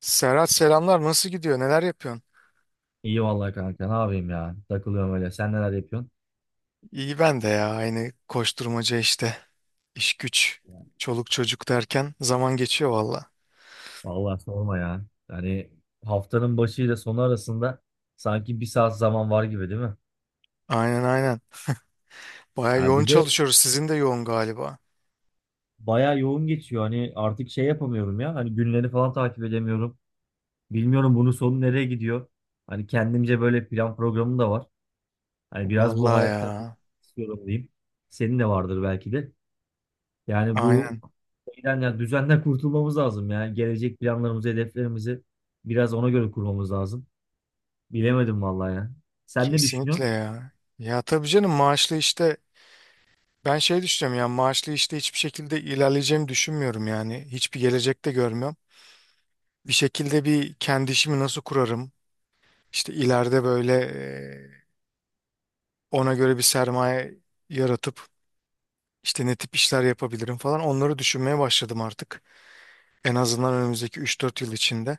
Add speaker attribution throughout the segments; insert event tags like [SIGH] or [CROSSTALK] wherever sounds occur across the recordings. Speaker 1: Serhat selamlar. Nasıl gidiyor? Neler yapıyorsun?
Speaker 2: İyi vallahi kanka ne yapayım ya takılıyorum öyle sen neler yapıyorsun?
Speaker 1: İyi ben de ya. Aynı koşturmaca işte. İş güç, çoluk çocuk derken zaman geçiyor valla.
Speaker 2: Vallahi sorma ya yani haftanın başı ile sonu arasında sanki bir saat zaman var gibi değil mi?
Speaker 1: Aynen aynen. Baya
Speaker 2: Ya
Speaker 1: yoğun
Speaker 2: bir de
Speaker 1: çalışıyoruz. Sizin de yoğun galiba.
Speaker 2: bayağı yoğun geçiyor hani artık şey yapamıyorum ya hani günleri falan takip edemiyorum bilmiyorum bunun sonu nereye gidiyor hani kendimce böyle plan programım da var hani biraz bu
Speaker 1: Valla
Speaker 2: hayattan
Speaker 1: ya.
Speaker 2: istiyorum diyeyim senin de vardır belki de. Yani bu
Speaker 1: Aynen.
Speaker 2: şeyden ya düzenden kurtulmamız lazım ya. Gelecek planlarımızı, hedeflerimizi biraz ona göre kurmamız lazım. Bilemedim vallahi ya. Sen ne
Speaker 1: Kesinlikle
Speaker 2: düşünüyorsun?
Speaker 1: ya. Ya tabii canım maaşlı işte ben düşünüyorum ya maaşlı işte hiçbir şekilde ilerleyeceğimi düşünmüyorum yani. Hiçbir gelecek de görmüyorum. Bir şekilde bir kendi işimi nasıl kurarım? İşte ileride ona göre bir sermaye yaratıp İşte ne tip işler yapabilirim falan onları düşünmeye başladım artık. En azından önümüzdeki üç dört yıl içinde.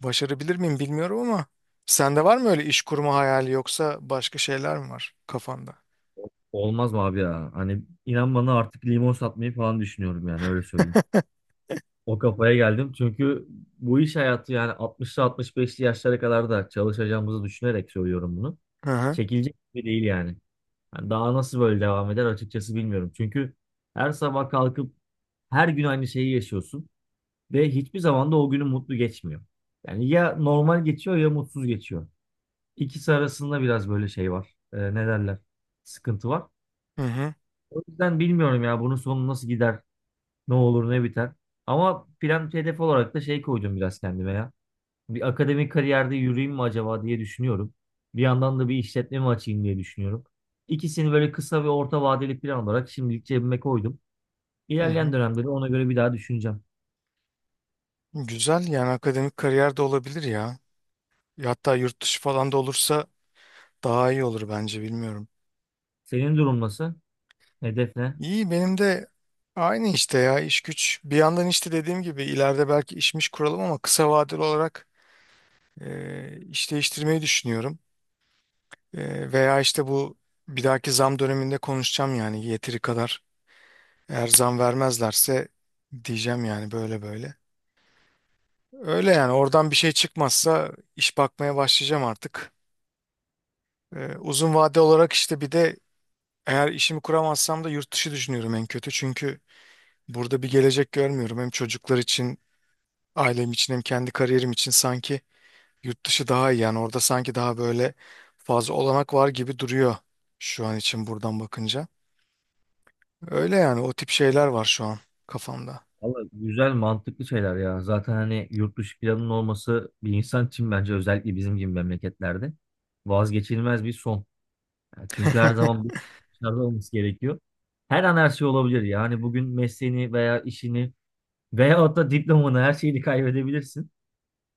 Speaker 1: Başarabilir miyim bilmiyorum ama sende var mı öyle iş kurma hayali yoksa başka şeyler mi var kafanda?
Speaker 2: Olmaz mı abi ya? Hani inan bana artık limon satmayı falan düşünüyorum yani öyle söyleyeyim. O kafaya geldim çünkü bu iş hayatı yani 60'lı 65'li yaşlara kadar da çalışacağımızı düşünerek söylüyorum bunu.
Speaker 1: Hı hı.
Speaker 2: Çekilecek gibi değil yani. Yani daha nasıl böyle devam eder açıkçası bilmiyorum. Çünkü her sabah kalkıp her gün aynı şeyi yaşıyorsun. Ve hiçbir zaman da o günü mutlu geçmiyor. Yani ya normal geçiyor ya mutsuz geçiyor. İkisi arasında biraz böyle şey var. Ne derler? Sıkıntı var.
Speaker 1: Hı hı.
Speaker 2: O yüzden bilmiyorum ya bunun sonu nasıl gider, ne olur ne biter. Ama plan hedef olarak da şey koydum biraz kendime ya. Bir akademik kariyerde yürüyeyim mi acaba diye düşünüyorum. Bir yandan da bir işletme mi açayım diye düşünüyorum. İkisini böyle kısa ve orta vadeli plan olarak şimdilik cebime koydum.
Speaker 1: Hı
Speaker 2: İlerleyen
Speaker 1: hı.
Speaker 2: dönemde de ona göre bir daha düşüneceğim.
Speaker 1: Güzel yani akademik kariyer de olabilir ya. Ya hatta yurt dışı falan da olursa daha iyi olur bence bilmiyorum.
Speaker 2: Senin durum nasıl? Hedef ne?
Speaker 1: İyi benim de aynı işte ya iş güç. Bir yandan işte dediğim gibi ileride belki işmiş kuralım ama kısa vadeli olarak iş değiştirmeyi düşünüyorum. Veya işte bu bir dahaki zam döneminde konuşacağım yani yeteri kadar. Eğer zam vermezlerse diyeceğim yani böyle böyle. Öyle yani oradan bir şey çıkmazsa iş bakmaya başlayacağım artık. Uzun vade olarak işte bir de eğer işimi kuramazsam da yurt dışı düşünüyorum en kötü. Çünkü burada bir gelecek görmüyorum. Hem çocuklar için, ailem için hem kendi kariyerim için sanki yurt dışı daha iyi. Yani orada sanki daha böyle fazla olanak var gibi duruyor şu an için buradan bakınca. Öyle yani o tip şeyler var şu an kafamda.
Speaker 2: Valla güzel mantıklı şeyler ya. Zaten hani yurt dışı planının olması bir insan için bence özellikle bizim gibi memleketlerde vazgeçilmez bir son. Yani çünkü her zaman
Speaker 1: [LAUGHS]
Speaker 2: bir dışarıda olması gerekiyor. Her an her şey olabilir. Yani bugün mesleğini veya işini veyahut da diplomanı her şeyini kaybedebilirsin.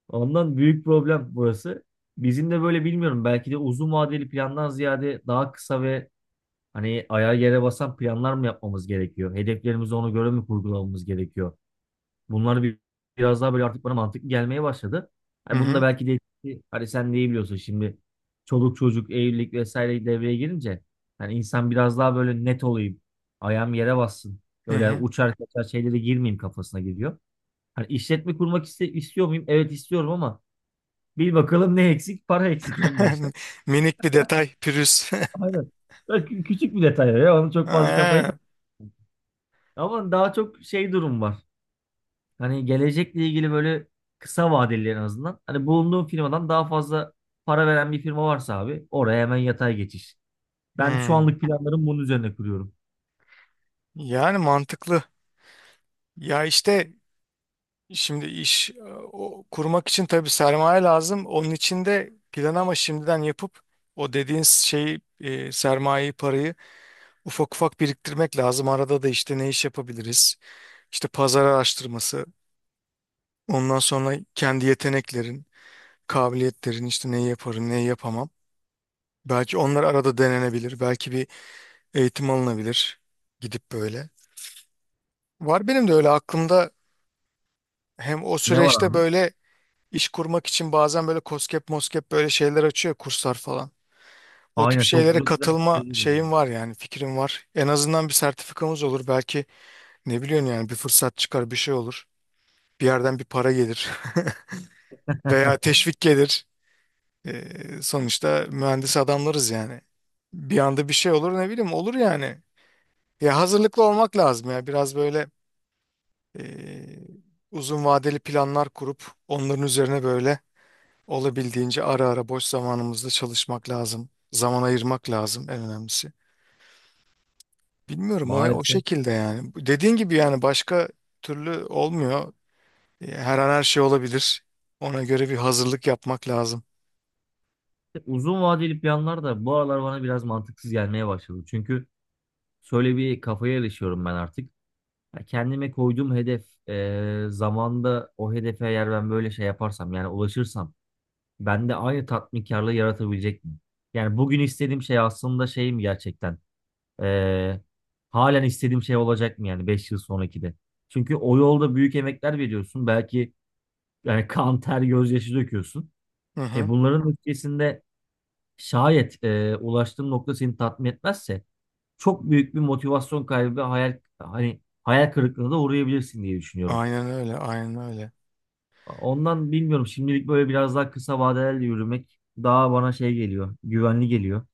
Speaker 2: Ondan büyük problem burası. Bizim de böyle bilmiyorum belki de uzun vadeli plandan ziyade daha kısa ve hani ayağa yere basan planlar mı yapmamız gerekiyor? Hedeflerimizi ona göre mi kurgulamamız gerekiyor? Bunlar bir, biraz daha böyle artık bana mantıklı gelmeye başladı.
Speaker 1: Hı
Speaker 2: Hani bunu da
Speaker 1: hı.
Speaker 2: belki de hani sen de iyi biliyorsun şimdi çoluk çocuk evlilik vesaire devreye girince hani insan biraz daha böyle net olayım. Ayağım yere bassın.
Speaker 1: Hı
Speaker 2: Öyle
Speaker 1: hı.
Speaker 2: uçar kaçar şeylere girmeyeyim kafasına geliyor. Hani işletme kurmak istiyor muyum? Evet istiyorum ama bil bakalım ne eksik? Para eksik en başta.
Speaker 1: [LAUGHS] Minik bir detay pürüz.
Speaker 2: Aynen. Bak, küçük bir detay ya. Onu
Speaker 1: [LAUGHS]
Speaker 2: çok fazla kafaya tak.
Speaker 1: Aynen.
Speaker 2: Ama daha çok şey durum var. Hani gelecekle ilgili böyle kısa vadeli en azından. Hani bulunduğum firmadan daha fazla para veren bir firma varsa abi oraya hemen yatay geçiş. Ben şu
Speaker 1: Hmm.
Speaker 2: anlık planlarım bunun üzerine kuruyorum.
Speaker 1: Yani mantıklı. Ya işte şimdi kurmak için tabii sermaye lazım. Onun için de plan ama şimdiden yapıp o dediğin sermayeyi parayı ufak ufak biriktirmek lazım. Arada da işte ne iş yapabiliriz? İşte pazar araştırması. Ondan sonra kendi yeteneklerin, kabiliyetlerin işte neyi yaparım, neyi yapamam. Belki onlar arada denenebilir. Belki bir eğitim alınabilir. Gidip böyle. Var benim de öyle aklımda hem o
Speaker 2: Ne var
Speaker 1: süreçte
Speaker 2: abi?
Speaker 1: böyle iş kurmak için bazen böyle koskep moskep böyle şeyler açıyor kurslar falan. O tip
Speaker 2: Aynen, çok
Speaker 1: şeylere
Speaker 2: güzel güzel
Speaker 1: katılma şeyim
Speaker 2: fikirlerim
Speaker 1: var yani fikrim var. En azından bir sertifikamız olur. Belki ne biliyorsun yani bir fırsat çıkar bir şey olur. Bir yerden bir para gelir [LAUGHS] veya
Speaker 2: var.
Speaker 1: teşvik gelir. Sonuçta mühendis adamlarız yani. Bir anda bir şey olur ne bileyim olur yani. Ya hazırlıklı olmak lazım ya. Biraz böyle eee, uzun vadeli planlar kurup onların üzerine böyle olabildiğince ara ara boş zamanımızda çalışmak lazım. Zaman ayırmak lazım en önemlisi.
Speaker 2: [LAUGHS]
Speaker 1: Bilmiyorum o
Speaker 2: Maalesef.
Speaker 1: şekilde yani. Dediğin gibi yani başka türlü olmuyor. Her an her şey olabilir. Ona göre bir hazırlık yapmak lazım.
Speaker 2: Uzun vadeli planlar da bu aralar bana biraz mantıksız gelmeye başladı. Çünkü şöyle bir kafaya erişiyorum ben artık. Ya kendime koyduğum hedef, zamanda o hedefe eğer ben böyle şey yaparsam yani ulaşırsam bende aynı tatminkarlığı yaratabilecek mi? Yani bugün istediğim şey aslında şey mi gerçekten? Ee, halen istediğim şey olacak mı yani 5 yıl sonraki de? Çünkü o yolda büyük emekler veriyorsun. Belki yani [LAUGHS] kan, ter, gözyaşı döküyorsun.
Speaker 1: Hı
Speaker 2: E
Speaker 1: hı.
Speaker 2: bunların ötesinde şayet ulaştığın nokta seni tatmin etmezse çok büyük bir motivasyon kaybı ve hayal kırıklığına da uğrayabilirsin diye düşünüyorum.
Speaker 1: Aynen öyle, aynen öyle.
Speaker 2: Ondan bilmiyorum şimdilik böyle biraz daha kısa vadelerle yürümek daha bana şey geliyor, güvenli geliyor.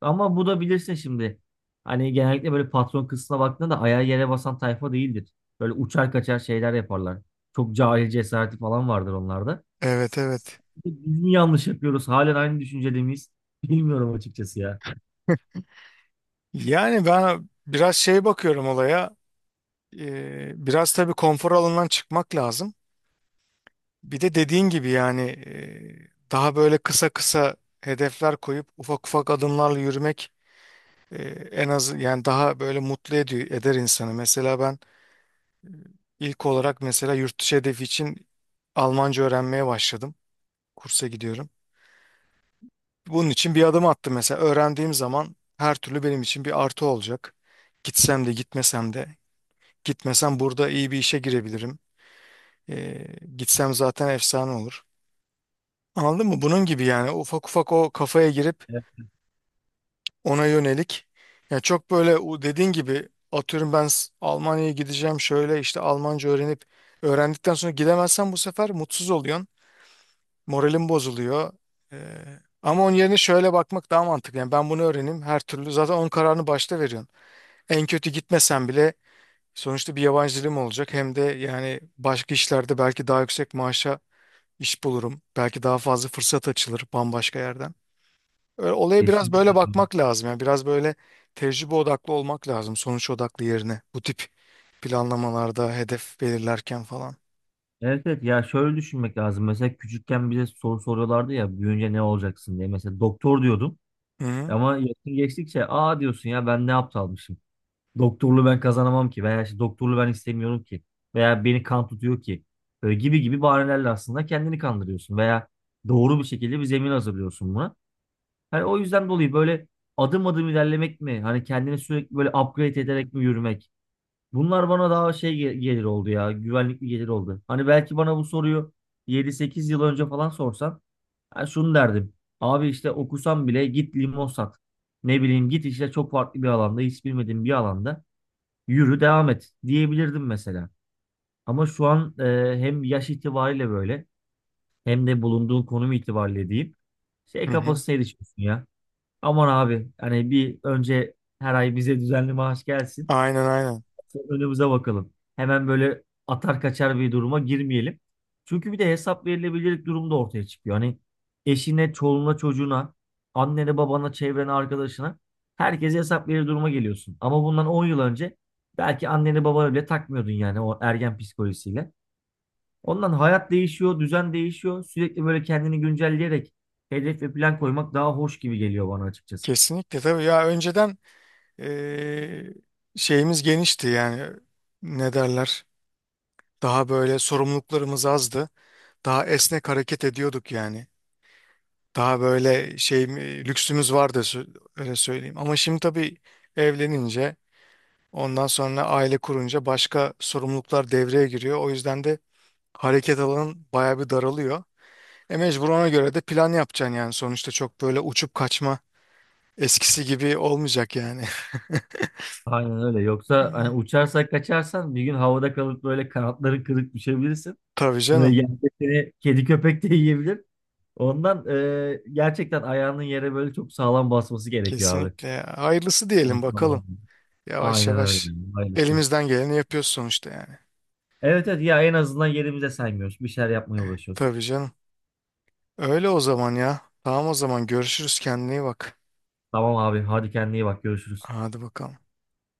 Speaker 2: Ama bu da bilirsin şimdi. Hani genellikle böyle patron kısmına baktığında da ayağı yere basan tayfa değildir. Böyle uçar kaçar şeyler yaparlar. Çok cahil cesareti falan vardır onlarda.
Speaker 1: Evet, evet.
Speaker 2: Biz mi yanlış yapıyoruz? Halen aynı düşüncede miyiz? [LAUGHS] Bilmiyorum açıkçası ya.
Speaker 1: Yani ben biraz şey bakıyorum olaya. Biraz tabii konfor alanından çıkmak lazım. Bir de dediğin gibi yani daha böyle kısa kısa hedefler koyup ufak ufak adımlarla yürümek e, en az yani daha böyle mutlu ediyor, eder insanı. Mesela ben ilk olarak mesela yurt dışı hedefi için Almanca öğrenmeye başladım. Kursa gidiyorum. Bunun için bir adım attım mesela. Öğrendiğim zaman her türlü benim için bir artı olacak. Gitsem de gitmesem de. Gitmesem burada iyi bir işe girebilirim. E, Gitsem zaten efsane olur. Anladın mı? Bunun gibi yani ufak ufak o kafaya girip
Speaker 2: Evet.
Speaker 1: ona yönelik. Yani çok böyle o dediğin gibi atıyorum ben Almanya'ya gideceğim şöyle işte Almanca öğrenip öğrendikten sonra gidemezsen bu sefer mutsuz oluyorsun. Moralin bozuluyor. Ee, Ama onun yerine şöyle bakmak daha mantıklı. Yani ben bunu öğreneyim her türlü zaten onun kararını başta veriyorsun. En kötü gitmesen bile sonuçta bir yabancı dilim olacak. Hem de yani başka işlerde belki daha yüksek maaşa iş bulurum. Belki daha fazla fırsat açılır bambaşka yerden. Öyle, olaya biraz böyle
Speaker 2: Kesinlikle.
Speaker 1: bakmak lazım. Yani biraz böyle tecrübe odaklı olmak lazım. Sonuç odaklı yerine. Bu tip planlamalarda hedef belirlerken falan.
Speaker 2: Evet, evet, ya şöyle düşünmek lazım. Mesela küçükken bize soru soruyorlardı ya büyüyünce ne olacaksın diye. Mesela doktor diyordum.
Speaker 1: Hı hı.
Speaker 2: Ama yaşın geçtikçe aa diyorsun ya ben ne aptalmışım. Doktorluğu ben kazanamam ki veya işte doktorluğu ben istemiyorum ki veya beni kan tutuyor ki böyle gibi gibi bahanelerle aslında kendini kandırıyorsun veya doğru bir şekilde bir zemin hazırlıyorsun buna. Hani o yüzden dolayı böyle adım adım ilerlemek mi hani kendini sürekli böyle upgrade ederek mi yürümek bunlar bana daha şey gelir oldu ya güvenlik bir gelir oldu. Hani belki bana bu soruyu 7-8 yıl önce falan sorsan ben şunu derdim. Abi işte okusam bile git limon sat. Ne bileyim git işte çok farklı bir alanda hiç bilmediğim bir alanda yürü devam et diyebilirdim mesela. Ama şu an hem yaş itibariyle böyle hem de bulunduğun konum itibariyle diyeyim şey
Speaker 1: Hı hı.
Speaker 2: kafasına erişiyorsun ya. Aman abi hani bir önce her ay bize düzenli maaş gelsin
Speaker 1: Aynen aynen.
Speaker 2: önümüze bakalım. Hemen böyle atar kaçar bir duruma girmeyelim. Çünkü bir de hesap verilebilirlik durumu da ortaya çıkıyor. Hani eşine, çoluğuna, çocuğuna, annene, babana, çevrene, arkadaşına herkese hesap verir duruma geliyorsun. Ama bundan 10 yıl önce belki anneni babana bile takmıyordun yani o ergen psikolojisiyle. Ondan hayat değişiyor, düzen değişiyor. Sürekli böyle kendini güncelleyerek hedef ve plan koymak daha hoş gibi geliyor bana açıkçası.
Speaker 1: Kesinlikle tabii ya önceden eee, şeyimiz genişti yani ne derler daha böyle sorumluluklarımız azdı. Daha esnek hareket ediyorduk yani. Daha böyle şey lüksümüz vardı öyle söyleyeyim. Ama şimdi tabii evlenince ondan sonra aile kurunca başka sorumluluklar devreye giriyor. O yüzden de hareket alanın bayağı bir daralıyor. E mecbur ona göre de plan yapacaksın yani. Sonuçta çok böyle uçup kaçma eskisi gibi olmayacak yani. [LAUGHS]
Speaker 2: Aynen öyle. Yoksa hani
Speaker 1: Hmm.
Speaker 2: uçarsak kaçarsan bir gün havada kalıp böyle kanatların kırık düşebilirsin.
Speaker 1: Tabii
Speaker 2: Böyle
Speaker 1: canım.
Speaker 2: yerde seni kedi köpek de yiyebilir. Ondan gerçekten ayağının yere böyle çok sağlam basması gerekiyor abi.
Speaker 1: Kesinlikle. Hayırlısı diyelim
Speaker 2: Basmadan
Speaker 1: bakalım.
Speaker 2: olmuyor.
Speaker 1: Yavaş
Speaker 2: Aynen öyle.
Speaker 1: yavaş
Speaker 2: Aynen.
Speaker 1: elimizden geleni yapıyoruz sonuçta yani.
Speaker 2: Evet, evet, ya en azından yerimize saymıyoruz. Bir şeyler yapmaya uğraşıyoruz.
Speaker 1: Tabii canım. Öyle o zaman ya. Tamam o zaman görüşürüz, kendine iyi bak.
Speaker 2: Tamam abi hadi kendine iyi bak görüşürüz.
Speaker 1: Hadi bakalım.